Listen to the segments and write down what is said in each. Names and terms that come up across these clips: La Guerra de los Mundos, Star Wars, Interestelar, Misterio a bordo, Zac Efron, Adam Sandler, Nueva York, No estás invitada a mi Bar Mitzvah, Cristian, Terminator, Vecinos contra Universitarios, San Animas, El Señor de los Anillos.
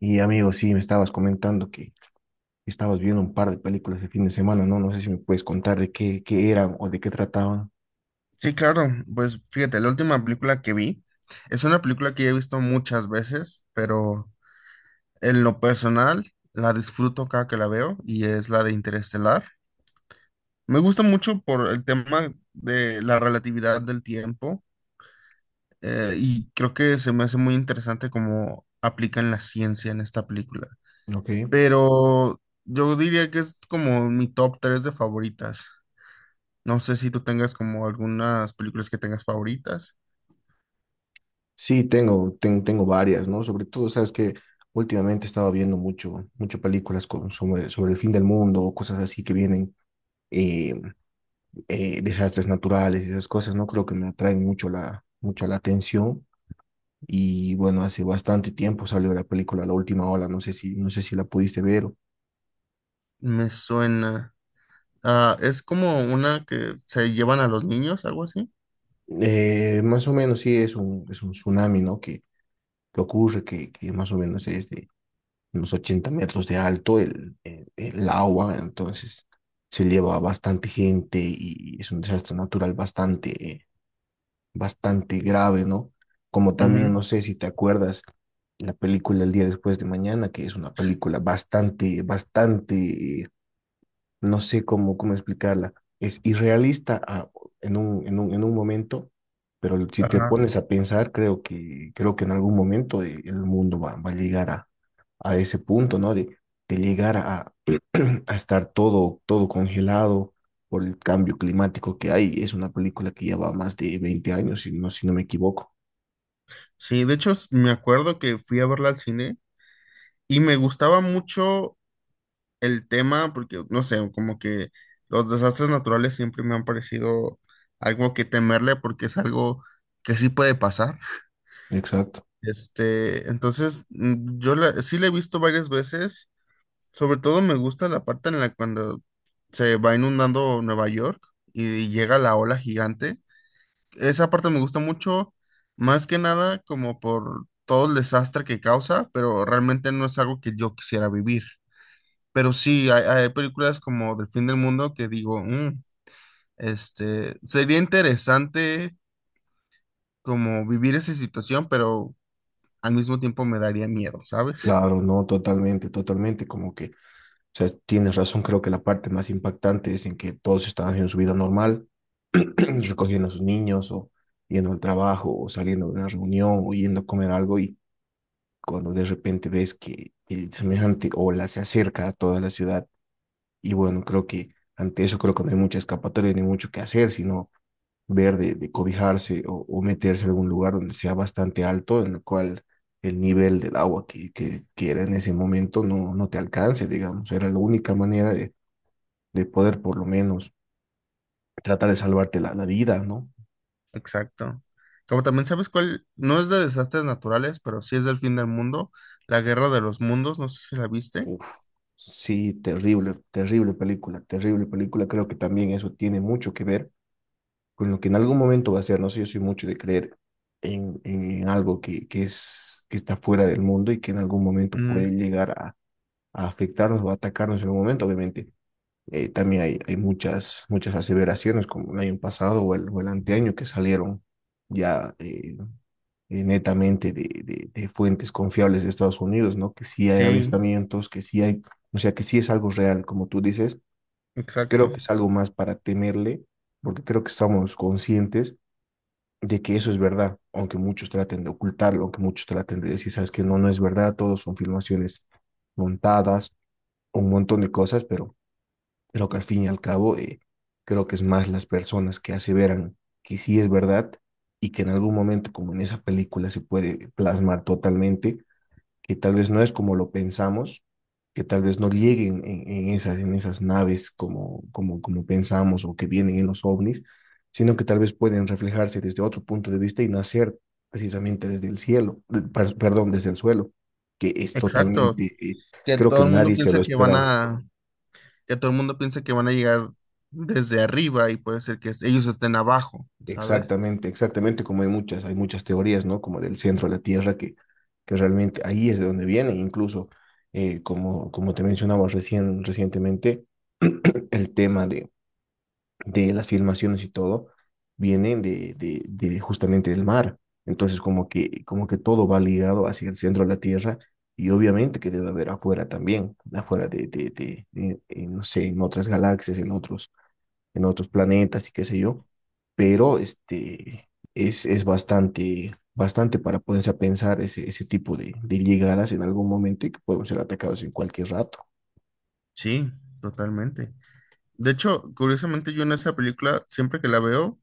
Y amigo, sí, me estabas comentando que estabas viendo un par de películas el fin de semana, ¿no? No sé si me puedes contar de qué eran o de qué trataban. Sí, claro. Pues fíjate, la última película que vi es una película que ya he visto muchas veces, pero en lo personal la disfruto cada que la veo y es la de Interestelar. Me gusta mucho por el tema de la relatividad del tiempo y creo que se me hace muy interesante cómo aplican la ciencia en esta película. Ok. Pero yo diría que es como mi top 3 de favoritas. No sé si tú tengas como algunas películas que tengas favoritas. Sí, tengo varias, ¿no? Sobre todo, sabes que últimamente estaba viendo mucho películas sobre el fin del mundo o cosas así que vienen, eh, desastres naturales, esas cosas, ¿no? Creo que me atraen mucho la atención. Y bueno, hace bastante tiempo salió la película La Última Ola, no sé si la pudiste ver. Me suena. Ah, es como una que se llevan a los niños, algo así. Más o menos sí es un tsunami, ¿no? Que ocurre, que más o menos es de unos 80 metros de alto el agua, entonces se lleva a bastante gente y es un desastre natural bastante, bastante grave, ¿no? Como también, Ujú. no sé si te acuerdas, la película El día después de mañana, que es una película bastante no sé cómo explicarla. Es irrealista en en un momento, pero si te Ajá. pones a pensar, creo que en algún momento el mundo va a llegar a ese punto, ¿no? De llegar a, a estar todo congelado por el cambio climático que hay. Es una película que lleva más de 20 años, si no me equivoco. Sí, de hecho me acuerdo que fui a verla al cine y me gustaba mucho el tema, porque no sé, como que los desastres naturales siempre me han parecido algo que temerle, porque es algo que sí puede pasar. Exacto. Este, entonces, sí la he visto varias veces, sobre todo me gusta la parte en la cuando se va inundando Nueva York y llega la ola gigante. Esa parte me gusta mucho, más que nada como por todo el desastre que causa, pero realmente no es algo que yo quisiera vivir. Pero sí, hay películas como Del fin del mundo que digo, "Mm, este, sería interesante como vivir esa situación, pero al mismo tiempo me daría miedo, ¿sabes?" Claro, no, totalmente, totalmente, como que, o sea, tienes razón, creo que la parte más impactante es en que todos están haciendo su vida normal, recogiendo a sus niños o yendo al trabajo o saliendo de una reunión o yendo a comer algo y cuando de repente ves que el semejante ola se acerca a toda la ciudad y bueno, creo que ante eso creo que no hay mucha escapatoria ni mucho que hacer, sino ver de cobijarse o meterse en algún lugar donde sea bastante alto, en el cual el nivel del agua que era en ese momento no te alcance, digamos, era la única manera de poder por lo menos tratar de salvarte la vida, ¿no? Exacto. Como también sabes cuál, no es de desastres naturales, pero sí es del fin del mundo, La Guerra de los Mundos, no sé si la viste. Uf, sí, terrible, terrible película, terrible película. Creo que también eso tiene mucho que ver con lo que en algún momento va a ser. No sé, yo soy mucho de creer en algo que está fuera del mundo y que en algún momento puede Ujú, llegar a afectarnos o a atacarnos en un momento. Obviamente, también hay muchas aseveraciones como el año pasado o o el anteaño que salieron ya netamente fuentes confiables de Estados Unidos, ¿no? Que sí hay sí, avistamientos, que sí hay, o sea, que sí es algo real, como tú dices. exacto. Creo que es algo más para temerle, porque creo que estamos conscientes de que eso es verdad, aunque muchos traten de ocultarlo, aunque muchos traten de decir, sabes que no, no es verdad, todos son filmaciones montadas, un montón de cosas, pero que al fin y al cabo creo que es más las personas que aseveran que sí es verdad y que en algún momento, como en esa película, se puede plasmar totalmente, que tal vez no es como lo pensamos, que tal vez no lleguen en esas naves como pensamos o que vienen en los ovnis, sino que tal vez pueden reflejarse desde otro punto de vista y nacer precisamente desde el cielo, perdón, desde el suelo, que es Exacto. totalmente, Que creo todo que el mundo nadie se piensa lo que van esperaba. a, que todo el mundo piensa que van a llegar desde arriba y puede ser que ellos estén abajo, ¿sabes? Exactamente, exactamente, como hay muchas teorías, ¿no? Como del centro de la Tierra, que realmente ahí es de donde viene, incluso, como te mencionaba recientemente, el tema de las filmaciones y todo vienen de justamente del mar. Entonces, como que todo va ligado hacia el centro de la Tierra y obviamente que debe haber afuera también, afuera no sé, en otras galaxias, en otros planetas y qué sé yo, pero este, es bastante para ponerse a pensar ese tipo de llegadas en algún momento y que podemos ser atacados en cualquier rato. Sí, totalmente. De hecho, curiosamente yo en esa película, siempre que la veo,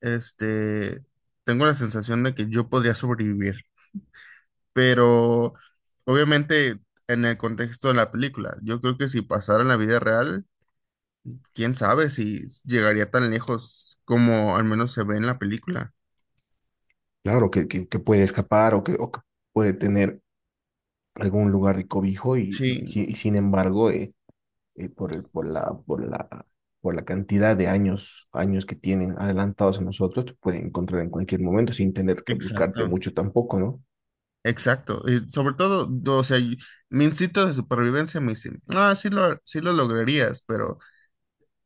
este, tengo la sensación de que yo podría sobrevivir, pero obviamente en el contexto de la película, yo creo que si pasara en la vida real, quién sabe si llegaría tan lejos como al menos se ve en la película. Claro, que puede escapar o o que puede tener algún lugar de cobijo y, Sí, y sin embargo, por, el- por la, por la, por la cantidad de años que tienen adelantados a nosotros, te pueden encontrar en cualquier momento sin tener que buscarte exacto. mucho tampoco, ¿no? Exacto. Y sobre todo, yo, o sea, mi instinto de supervivencia me dice, ah, sí lo lograrías, pero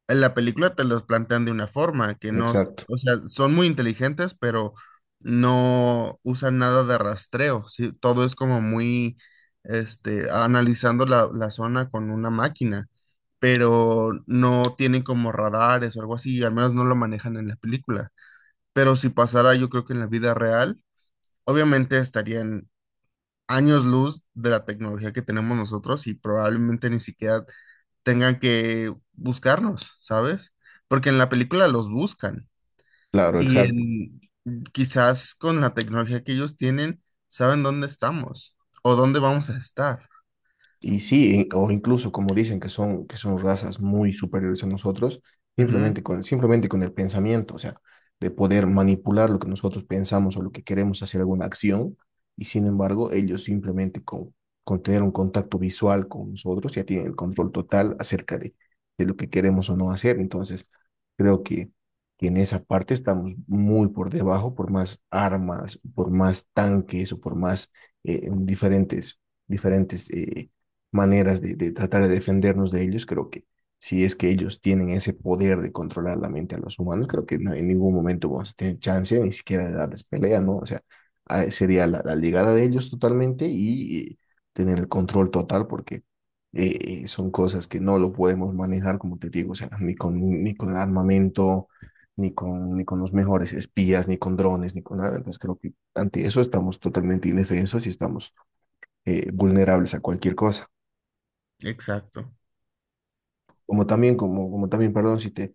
en la película te los plantean de una forma que no, Exacto, o sea, son muy inteligentes, pero no usan nada de rastreo, ¿sí? Todo es como muy, este, analizando la zona con una máquina, pero no tienen como radares o algo así, al menos no lo manejan en la película. Pero si pasara, yo creo que en la vida real, obviamente estarían años luz de la tecnología que tenemos nosotros y probablemente ni siquiera tengan que buscarnos, ¿sabes? Porque en la película los buscan claro, y exacto. en, quizás con la tecnología que ellos tienen, saben dónde estamos o dónde vamos a estar. Y sí, o incluso como dicen que son razas muy superiores a nosotros, Ujú. Simplemente con el pensamiento, o sea, de poder manipular lo que nosotros pensamos o lo que queremos hacer alguna acción, y sin embargo, ellos con tener un contacto visual con nosotros ya tienen el control total acerca de lo que queremos o no hacer. Entonces, creo que, que en esa parte estamos muy por debajo, por más armas, por más tanques o por más eh, diferentes, diferentes... maneras de tratar de defendernos de ellos. Creo que si es que ellos tienen ese poder de controlar la mente a los humanos, creo que no, en ningún momento vamos a tener chance ni siquiera de darles pelea, ¿no? O sea, sería la llegada de ellos totalmente y tener el control total porque son cosas que no lo podemos manejar, como te digo, o sea, ni con armamento, ni con los mejores espías, ni con drones, ni con nada. Entonces creo que ante eso estamos totalmente indefensos y estamos vulnerables a cualquier cosa. Exacto. Como también, como también, perdón,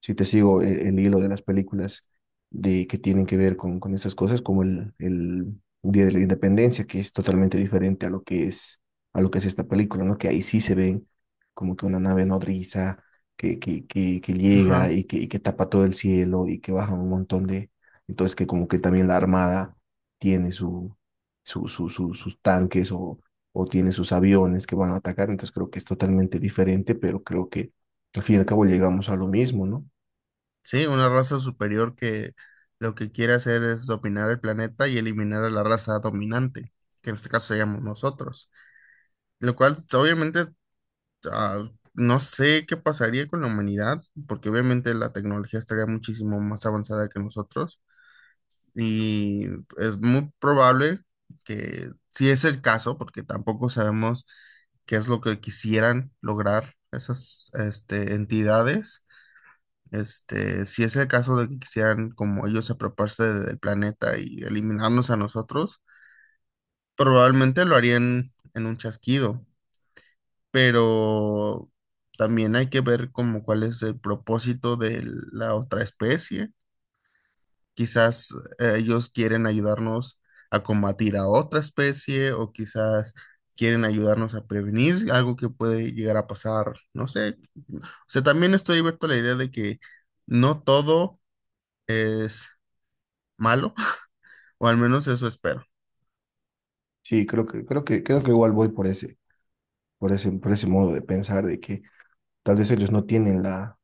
si te sigo hilo de las películas de, que tienen que ver con estas cosas, como el Día de la Independencia, que es totalmente diferente a lo que es, a lo que es esta película, ¿no? Que ahí sí se ven como que una nave nodriza que Ajá. llega y y que tapa todo el cielo y que baja un montón de... Entonces que como que también la Armada tiene sus tanques o tiene sus aviones que van a atacar, entonces creo que es totalmente diferente, pero creo que al fin y al cabo llegamos a lo mismo, ¿no? Sí, una raza superior que lo que quiere hacer es dominar el planeta y eliminar a la raza dominante, que en este caso seríamos nosotros. Lo cual, obviamente, ah, no sé qué pasaría con la humanidad, porque obviamente la tecnología estaría muchísimo más avanzada que nosotros y es muy probable que, si es el caso, porque tampoco sabemos qué es lo que quisieran lograr esas este, entidades, este, si es el caso de que quisieran como ellos apropiarse del planeta y eliminarnos a nosotros, probablemente lo harían en un chasquido. Pero también hay que ver como cuál es el propósito de la otra especie. Quizás ellos quieren ayudarnos a combatir a otra especie, o quizás quieren ayudarnos a prevenir algo que puede llegar a pasar, no sé. O sea, también estoy abierto a la idea de que no todo es malo, o al menos eso espero. Sí, creo que igual voy por por ese modo de pensar de que tal vez ellos no tienen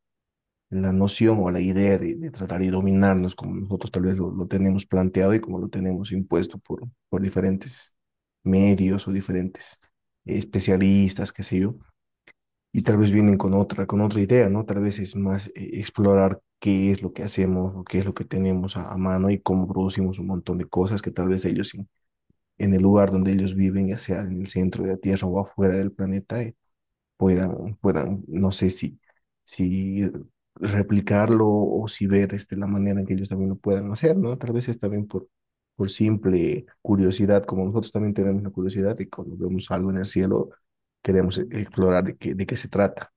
la noción o la idea de tratar de dominarnos como nosotros tal vez lo tenemos planteado y como lo tenemos impuesto por diferentes medios o diferentes especialistas, qué sé yo, y tal vez vienen con con otra idea, ¿no? Tal vez es más explorar qué es lo que hacemos o qué es lo que tenemos a mano y cómo producimos un montón de cosas que tal vez ellos en el lugar donde ellos viven, ya sea en el centro de la Tierra o afuera del planeta, puedan, no sé si, si replicarlo o si ver este, la manera en que ellos también lo puedan hacer, ¿no? Tal vez es también por simple curiosidad, como nosotros también tenemos la curiosidad y cuando vemos algo en el cielo queremos explorar de qué se trata.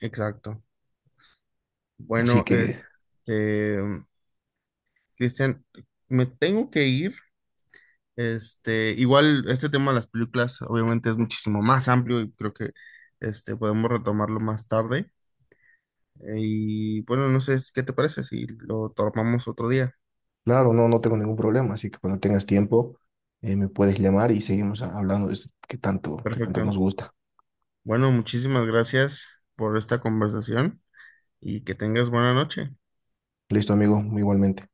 Exacto. Así Bueno, que, este, Cristian, me tengo que ir. Este, igual este tema de las películas obviamente es muchísimo más amplio y creo que este, podemos retomarlo más tarde. Y bueno, no sé es- qué te parece si lo tomamos otro día. claro, no, no tengo ningún problema, así que cuando tengas tiempo me puedes llamar y seguimos hablando de esto que tanto nos Perfecto. gusta. Bueno, muchísimas gracias por esta conversación y que tengas buena noche. Listo, amigo, igualmente.